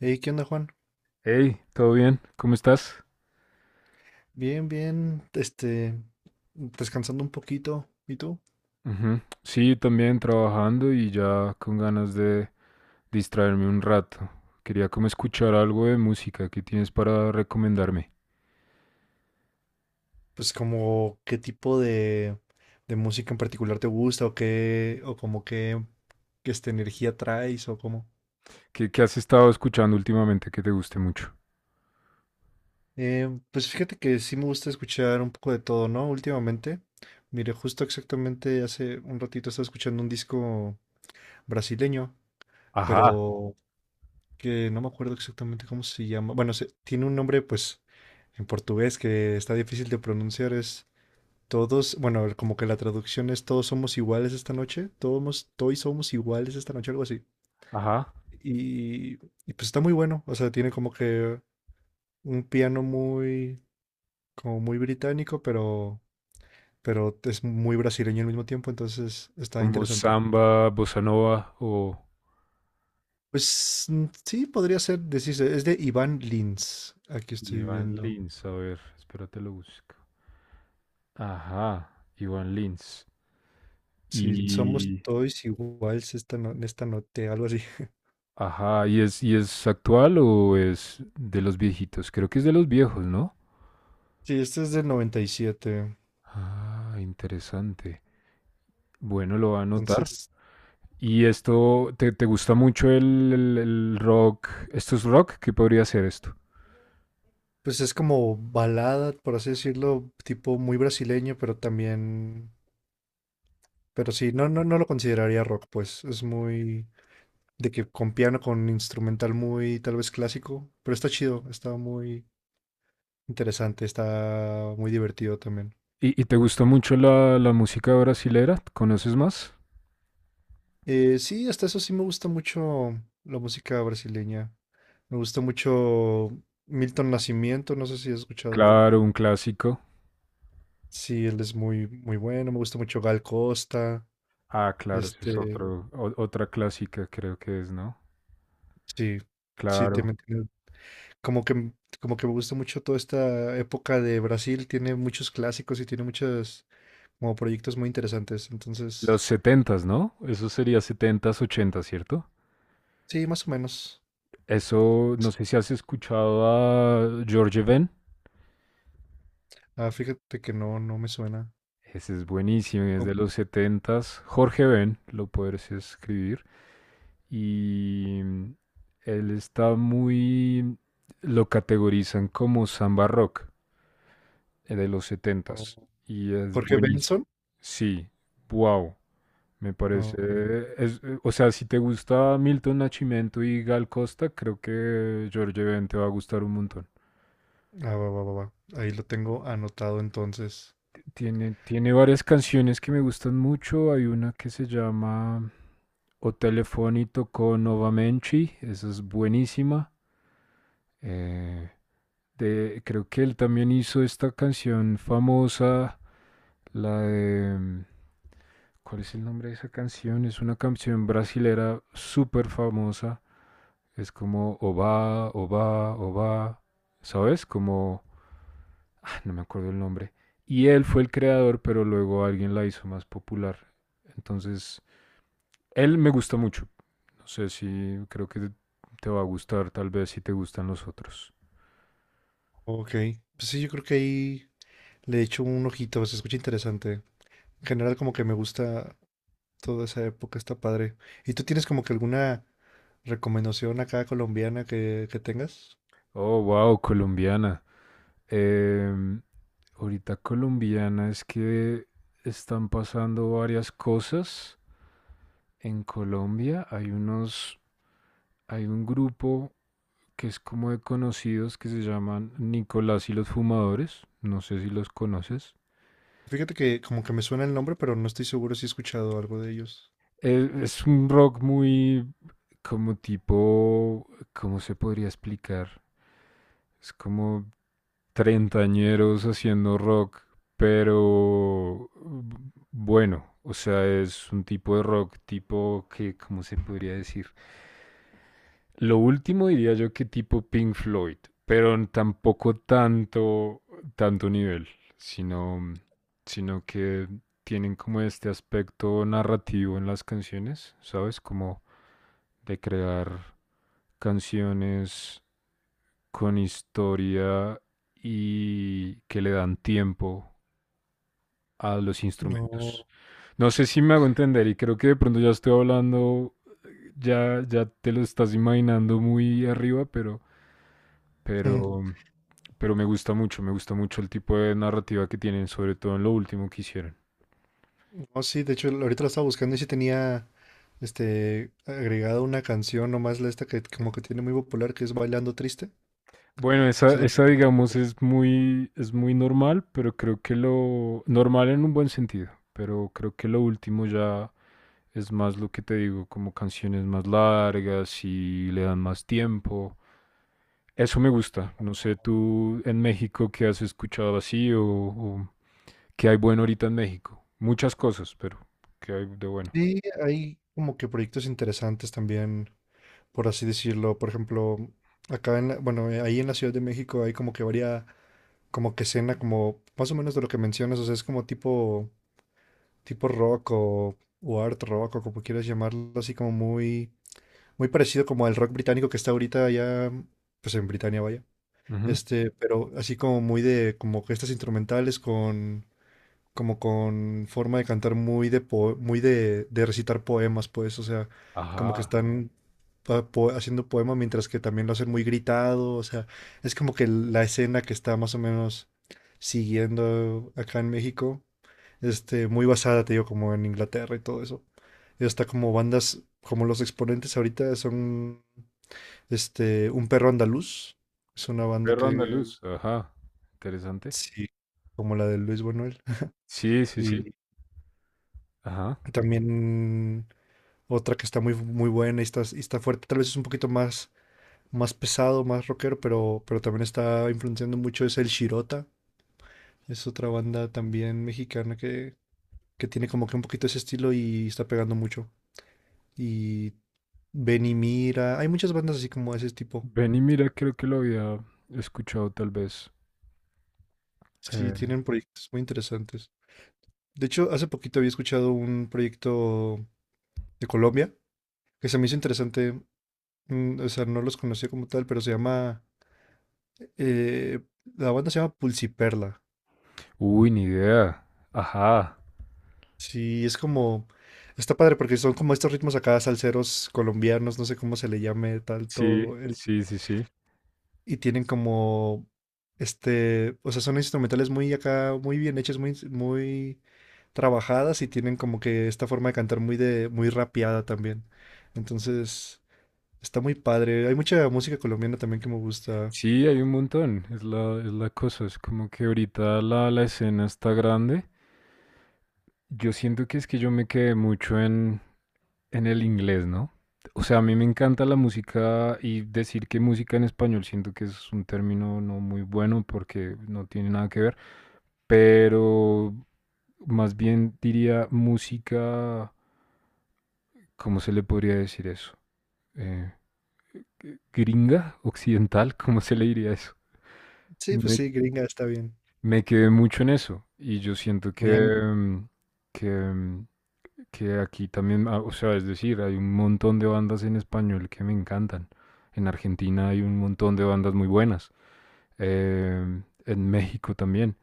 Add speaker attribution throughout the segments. Speaker 1: Hey, ¿qué onda, Juan?
Speaker 2: Hey, ¿todo bien? ¿Cómo estás?
Speaker 1: Bien, bien, descansando un poquito. ¿Y tú?
Speaker 2: Ujú. Sí, también trabajando y ya con ganas de distraerme un rato. Quería como escuchar algo de música que tienes para recomendarme.
Speaker 1: Pues como qué tipo de música en particular te gusta o qué, o como qué, qué esta energía traes o cómo.
Speaker 2: ¿Qué has estado escuchando últimamente que te guste mucho?
Speaker 1: Pues fíjate que sí me gusta escuchar un poco de todo, ¿no? Últimamente, mire, justo exactamente hace un ratito estaba escuchando un disco brasileño,
Speaker 2: Ajá,
Speaker 1: pero que no me acuerdo exactamente cómo se llama. Bueno, tiene un nombre pues en portugués que está difícil de pronunciar, es... Todos, bueno, como que la traducción es todos somos iguales esta noche, todos, todos somos iguales esta noche, algo así.
Speaker 2: ajá.
Speaker 1: Y, y pues está muy bueno, o sea, tiene como que un piano muy, como muy británico, pero es muy brasileño al mismo tiempo, entonces está
Speaker 2: Como
Speaker 1: interesante.
Speaker 2: samba, bossa nova o
Speaker 1: Pues mm, sí, podría ser, decirse, es de Iván Lins, aquí estoy
Speaker 2: Iván
Speaker 1: viendo.
Speaker 2: Lins. A ver, espérate lo busco. Ajá, Iván Lins.
Speaker 1: Si somos
Speaker 2: Y...
Speaker 1: todos iguales esta, esta noche, algo así.
Speaker 2: Ajá, ¿y es actual o es de los viejitos? Creo que es de los viejos, ¿no?
Speaker 1: Sí, este es del 97
Speaker 2: Ah, interesante. Bueno, lo va a anotar.
Speaker 1: entonces.
Speaker 2: ¿Y esto te gusta mucho el rock? ¿Esto es rock? ¿Qué podría ser esto?
Speaker 1: Pues es como balada, por así decirlo, tipo muy brasileño, pero también, pero sí, no lo consideraría rock, pues es muy de que con piano, con instrumental muy tal vez clásico, pero está chido, está muy interesante, está muy divertido también.
Speaker 2: ¿Y te gusta mucho la música brasilera? ¿Conoces más?
Speaker 1: Sí, hasta eso sí me gusta mucho la música brasileña. Me gusta mucho Milton Nascimento, no sé si has escuchado.
Speaker 2: Claro, un clásico.
Speaker 1: Sí, él es muy, muy bueno. Me gusta mucho Gal Costa.
Speaker 2: Ah, claro, ese es
Speaker 1: Este,
Speaker 2: otra clásica, creo que es, ¿no?
Speaker 1: sí, sí, te...
Speaker 2: Claro.
Speaker 1: Como que, como que me gusta mucho toda esta época de Brasil, tiene muchos clásicos y tiene muchos como proyectos muy interesantes. Entonces,
Speaker 2: Los setentas, ¿no? Eso sería setentas, ochentas, ¿cierto?
Speaker 1: sí, más o menos.
Speaker 2: Eso, no sé si has escuchado a George Ben.
Speaker 1: Ah, fíjate que no, no me suena.
Speaker 2: Ese es buenísimo, es de los setentas. Jorge Ben, lo puedes escribir. Y él está Lo categorizan como samba rock, de los
Speaker 1: Como
Speaker 2: setentas, y es
Speaker 1: Jorge
Speaker 2: buenísimo.
Speaker 1: Benson.
Speaker 2: Sí, wow. Me
Speaker 1: Ah,
Speaker 2: parece...
Speaker 1: ok.
Speaker 2: o sea, si te gusta Milton Nascimento y Gal Costa, creo que Jorge Ben te va a gustar un montón.
Speaker 1: Ah, va, va, va, va. Ahí lo tengo anotado entonces.
Speaker 2: Tiene varias canciones que me gustan mucho. Hay una que se o Telefonito con Novamenchi, esa es buenísima. Eh, de, creo que él también hizo esta canción famosa, la ¿cuál es el nombre de esa canción? Es una canción brasilera súper famosa. Es como Oba, Oba, Oba, ¿sabes? No me acuerdo el nombre. Y él fue el creador, pero luego alguien la hizo más popular. Entonces, él me gusta mucho. No sé si creo que te va a gustar, tal vez si te gustan los otros.
Speaker 1: Ok. Pues sí, yo creo que ahí le echo un ojito, se escucha interesante. En general, como que me gusta toda esa época, está padre. ¿Y tú tienes como que alguna recomendación acá colombiana que tengas?
Speaker 2: Oh, wow, colombiana. Em, ahorita colombiana es que están pasando varias cosas en Colombia. Hay un grupo que es como de conocidos que se llaman Nicolás y los Fumadores. No sé si los conoces.
Speaker 1: Fíjate que como que me suena el nombre, pero no estoy seguro si he escuchado algo de ellos.
Speaker 2: Es un rock muy como ¿cómo se podría explicar? Es como treintañeros haciendo rock, pero bueno, o sea, es un tipo de rock tipo que, ¿cómo se podría decir? Lo último diría yo que tipo Pink Floyd, pero tampoco tanto, tanto nivel, sino, sino que tienen como este aspecto narrativo en las canciones, ¿sabes? Como de crear canciones con historia y que le dan tiempo a los instrumentos.
Speaker 1: No,
Speaker 2: No sé si me hago entender y creo que de pronto ya estoy hablando, ya te lo estás imaginando muy arriba,
Speaker 1: ujú,
Speaker 2: pero, pero me gusta mucho el tipo de narrativa que tienen, sobre todo en lo último que hicieron.
Speaker 1: no, sí, de hecho ahorita lo estaba buscando y sí tenía este agregada una canción nomás la esta que como que tiene muy popular que es Bailando Triste.
Speaker 2: Bueno, esa,
Speaker 1: Esa la
Speaker 2: esa
Speaker 1: tengo.
Speaker 2: digamos es muy normal, pero creo que lo normal en un buen sentido, pero creo que lo último ya es más lo que te digo, como canciones más largas y le dan más tiempo. Eso me gusta. No sé, tú en México qué has escuchado así o qué hay bueno ahorita en México. Muchas cosas, pero qué hay de bueno.
Speaker 1: Sí, hay como que proyectos interesantes también, por así decirlo. Por ejemplo, acá en bueno, ahí en la Ciudad de México hay como que varía como que escena como más o menos de lo que mencionas, o sea, es como tipo tipo rock o art rock o como quieras llamarlo, así como muy, muy parecido como al rock británico que está ahorita allá, mm, pues en Britania vaya,
Speaker 2: Ujú.
Speaker 1: este, pero así como muy de, como que estas instrumentales con, como con forma de cantar muy de, muy de recitar poemas, pues, o sea, como que
Speaker 2: Ajá.
Speaker 1: están haciendo poema mientras que también lo hacen muy gritado, o sea, es como que la escena que está más o menos siguiendo acá en México este, muy basada, te digo, como en Inglaterra y todo eso. Y hasta como bandas, como los exponentes ahorita son, este, Un Perro Andaluz, es una banda
Speaker 2: Perro
Speaker 1: que,
Speaker 2: andaluz. Ajá. Interesante.
Speaker 1: sí, como la de Luis Buñuel.
Speaker 2: Sí, sí,
Speaker 1: Y
Speaker 2: sí. Ajá.
Speaker 1: también otra que está muy, muy buena y está fuerte, tal vez es un poquito más, más pesado, más rockero, pero también está influenciando mucho, es el Shirota, es otra banda también mexicana que tiene como que un poquito ese estilo y está pegando mucho. Y Benimira. Hay muchas bandas así como ese tipo.
Speaker 2: Ven y mira, creo que lo había escuchado tal vez.
Speaker 1: Sí,
Speaker 2: Eh,
Speaker 1: tienen proyectos muy interesantes. De hecho, hace poquito había escuchado un proyecto de Colombia que se me hizo interesante. Mm, o sea, no los conocía como tal, pero se llama... eh, la banda se llama Pulsiperla.
Speaker 2: Uy, ni idea. Ajá.
Speaker 1: Sí, es como... Está padre porque son como estos ritmos acá salseros colombianos, no sé cómo se le llame
Speaker 2: Sí,
Speaker 1: tanto.
Speaker 2: sí, sí, sí.
Speaker 1: Y tienen como... Este, o sea, son instrumentales muy acá, muy bien hechas, muy, muy trabajadas y tienen como que esta forma de cantar muy de, muy rapeada también. Entonces, está muy padre. Hay mucha música colombiana también que me gusta.
Speaker 2: Sí, hay un montón, es la cosa, es como que ahorita la escena está grande. Yo siento que es que yo me quedé mucho en el inglés, ¿no? O sea, a mí me encanta la música y decir que música en español siento que es un término no muy bueno porque no tiene nada que ver, pero más bien diría música, ¿cómo se le podría decir eso? Eh, gringa, occidental, ¿cómo se le diría eso?
Speaker 1: Sí, pues sí, gringa está bien.
Speaker 2: Me quedé mucho en eso y yo siento que,
Speaker 1: Muy ang-
Speaker 2: mm, que, mm, que aquí también, ah, o sea, es decir, hay un montón de bandas en español que me encantan. En Argentina hay un montón de bandas muy buenas, en México también,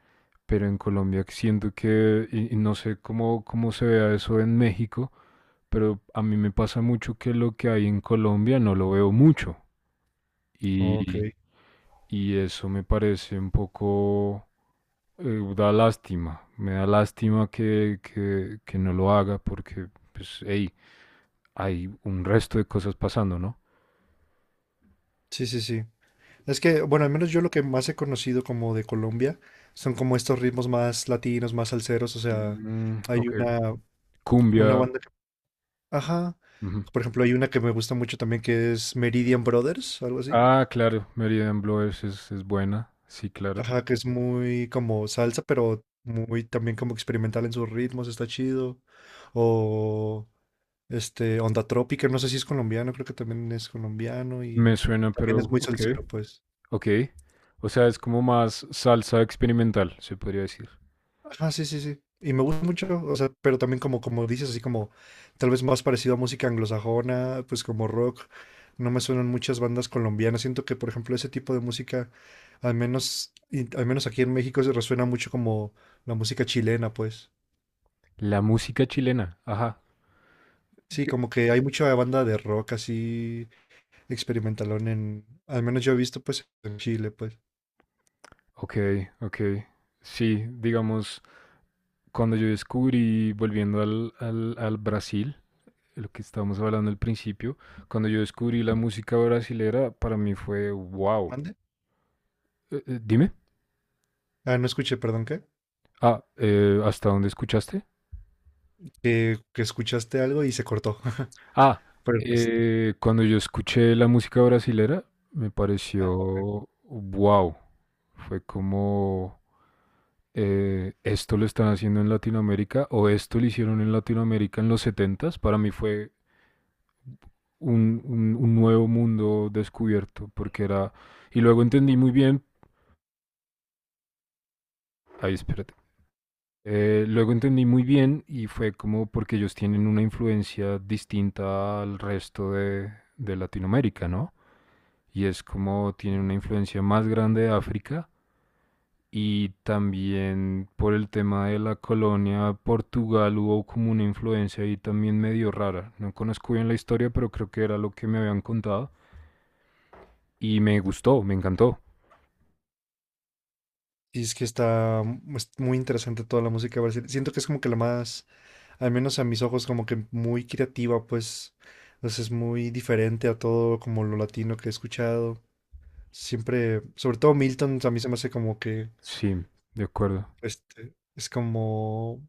Speaker 2: pero en Colombia siento que, y no sé cómo, cómo se vea eso en México, pero a mí me pasa mucho que lo que hay en Colombia no lo veo mucho
Speaker 1: Ok.
Speaker 2: y, y eso me parece un poco da lástima, me da lástima que no lo haga porque, pues, hey, hay un resto de cosas pasando, ¿no?
Speaker 1: Sí, sí, sí. Es que, bueno, al menos yo lo que más he conocido como de Colombia son como estos ritmos más latinos, más salseros. O sea,
Speaker 2: Mm,
Speaker 1: hay
Speaker 2: ok,
Speaker 1: una, una
Speaker 2: cumbia.
Speaker 1: banda que... Ajá.
Speaker 2: Ujú.
Speaker 1: Por ejemplo, hay una que me gusta mucho también que es Meridian Brothers, algo así.
Speaker 2: Ah, claro, Meridian Blowers es buena, sí, claro.
Speaker 1: Ajá, que es muy como salsa, pero muy también como experimental en sus ritmos, está chido. O este, Onda Trópica, no sé si es colombiano, creo que también es colombiano y
Speaker 2: Me suena,
Speaker 1: también es
Speaker 2: pero
Speaker 1: muy
Speaker 2: ok,
Speaker 1: salsero, pues.
Speaker 2: ok. O sea, es como más salsa experimental, se podría decir.
Speaker 1: Ajá, sí, sí, sí. Y me gusta mucho, o sea, pero también como, como dices, así como tal vez más parecido a música anglosajona, pues como rock. No me suenan muchas bandas colombianas. Siento que, por ejemplo, ese tipo de música, al menos, al menos aquí en México, se resuena mucho como la música chilena, pues.
Speaker 2: La música chilena, ajá.
Speaker 1: Sí, como que hay mucha banda de rock así experimentalón en, al menos yo he visto pues en Chile, pues.
Speaker 2: Ok, ok. Sí, digamos, cuando yo descubrí, volviendo al Brasil, lo que estábamos hablando al principio, cuando yo descubrí la música brasilera, para mí fue wow.
Speaker 1: ¿Mande?
Speaker 2: Dime,
Speaker 1: Ah, no escuché, perdón, ¿qué?
Speaker 2: ¿hasta dónde escuchaste?
Speaker 1: Que escuchaste algo y se cortó.
Speaker 2: Ah,
Speaker 1: Pero pues,
Speaker 2: cuando yo escuché la música brasilera, me
Speaker 1: ah, ok.
Speaker 2: pareció wow. Fue como, esto lo están haciendo en Latinoamérica o esto lo hicieron en Latinoamérica en los setentas. Para mí fue un nuevo mundo descubierto porque y luego entendí muy bien, ay, espérate, luego entendí muy bien y fue como porque ellos tienen una influencia distinta al resto de Latinoamérica, ¿no? Y es como tienen una influencia más grande de África y también por el tema de la colonia Portugal hubo como una influencia ahí también medio rara. No conozco bien la historia, pero creo que era lo que me habían contado y me gustó, me encantó.
Speaker 1: Y es que está es muy interesante toda la música brasileña. Siento que es como que la más, al menos a mis ojos, como que muy creativa, pues. Entonces es muy diferente a todo como lo latino que he escuchado. Siempre, sobre todo Milton, a mí se me hace como que,
Speaker 2: Sí, de acuerdo.
Speaker 1: este, es como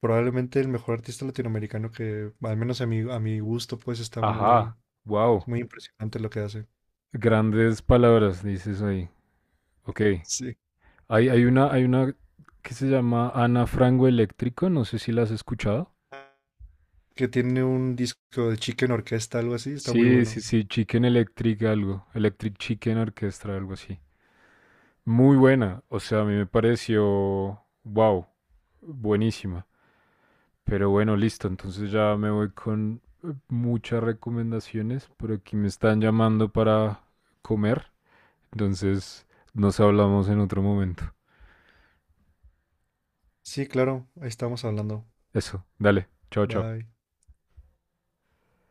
Speaker 1: probablemente el mejor artista latinoamericano que, al menos a a mi gusto, pues está
Speaker 2: Ajá,
Speaker 1: muy,
Speaker 2: wow,
Speaker 1: es muy impresionante lo que hace.
Speaker 2: grandes palabras dices ahí. Ok.
Speaker 1: Sí.
Speaker 2: Hay una que se llama Ana Frango Eléctrico, no sé si la has escuchado.
Speaker 1: Que tiene un disco de Chicken Orquesta, algo así, está muy
Speaker 2: Sí, sí,
Speaker 1: bueno.
Speaker 2: sí, Chicken Electric algo, Electric Chicken Orchestra, algo así. Muy buena, o sea, a mí me pareció, wow, buenísima. Pero bueno, listo, entonces ya me voy con muchas recomendaciones, por aquí me están llamando para comer, entonces nos hablamos en otro momento.
Speaker 1: Sí, claro, ahí estamos hablando.
Speaker 2: Eso, dale, chao, chao.
Speaker 1: Bye.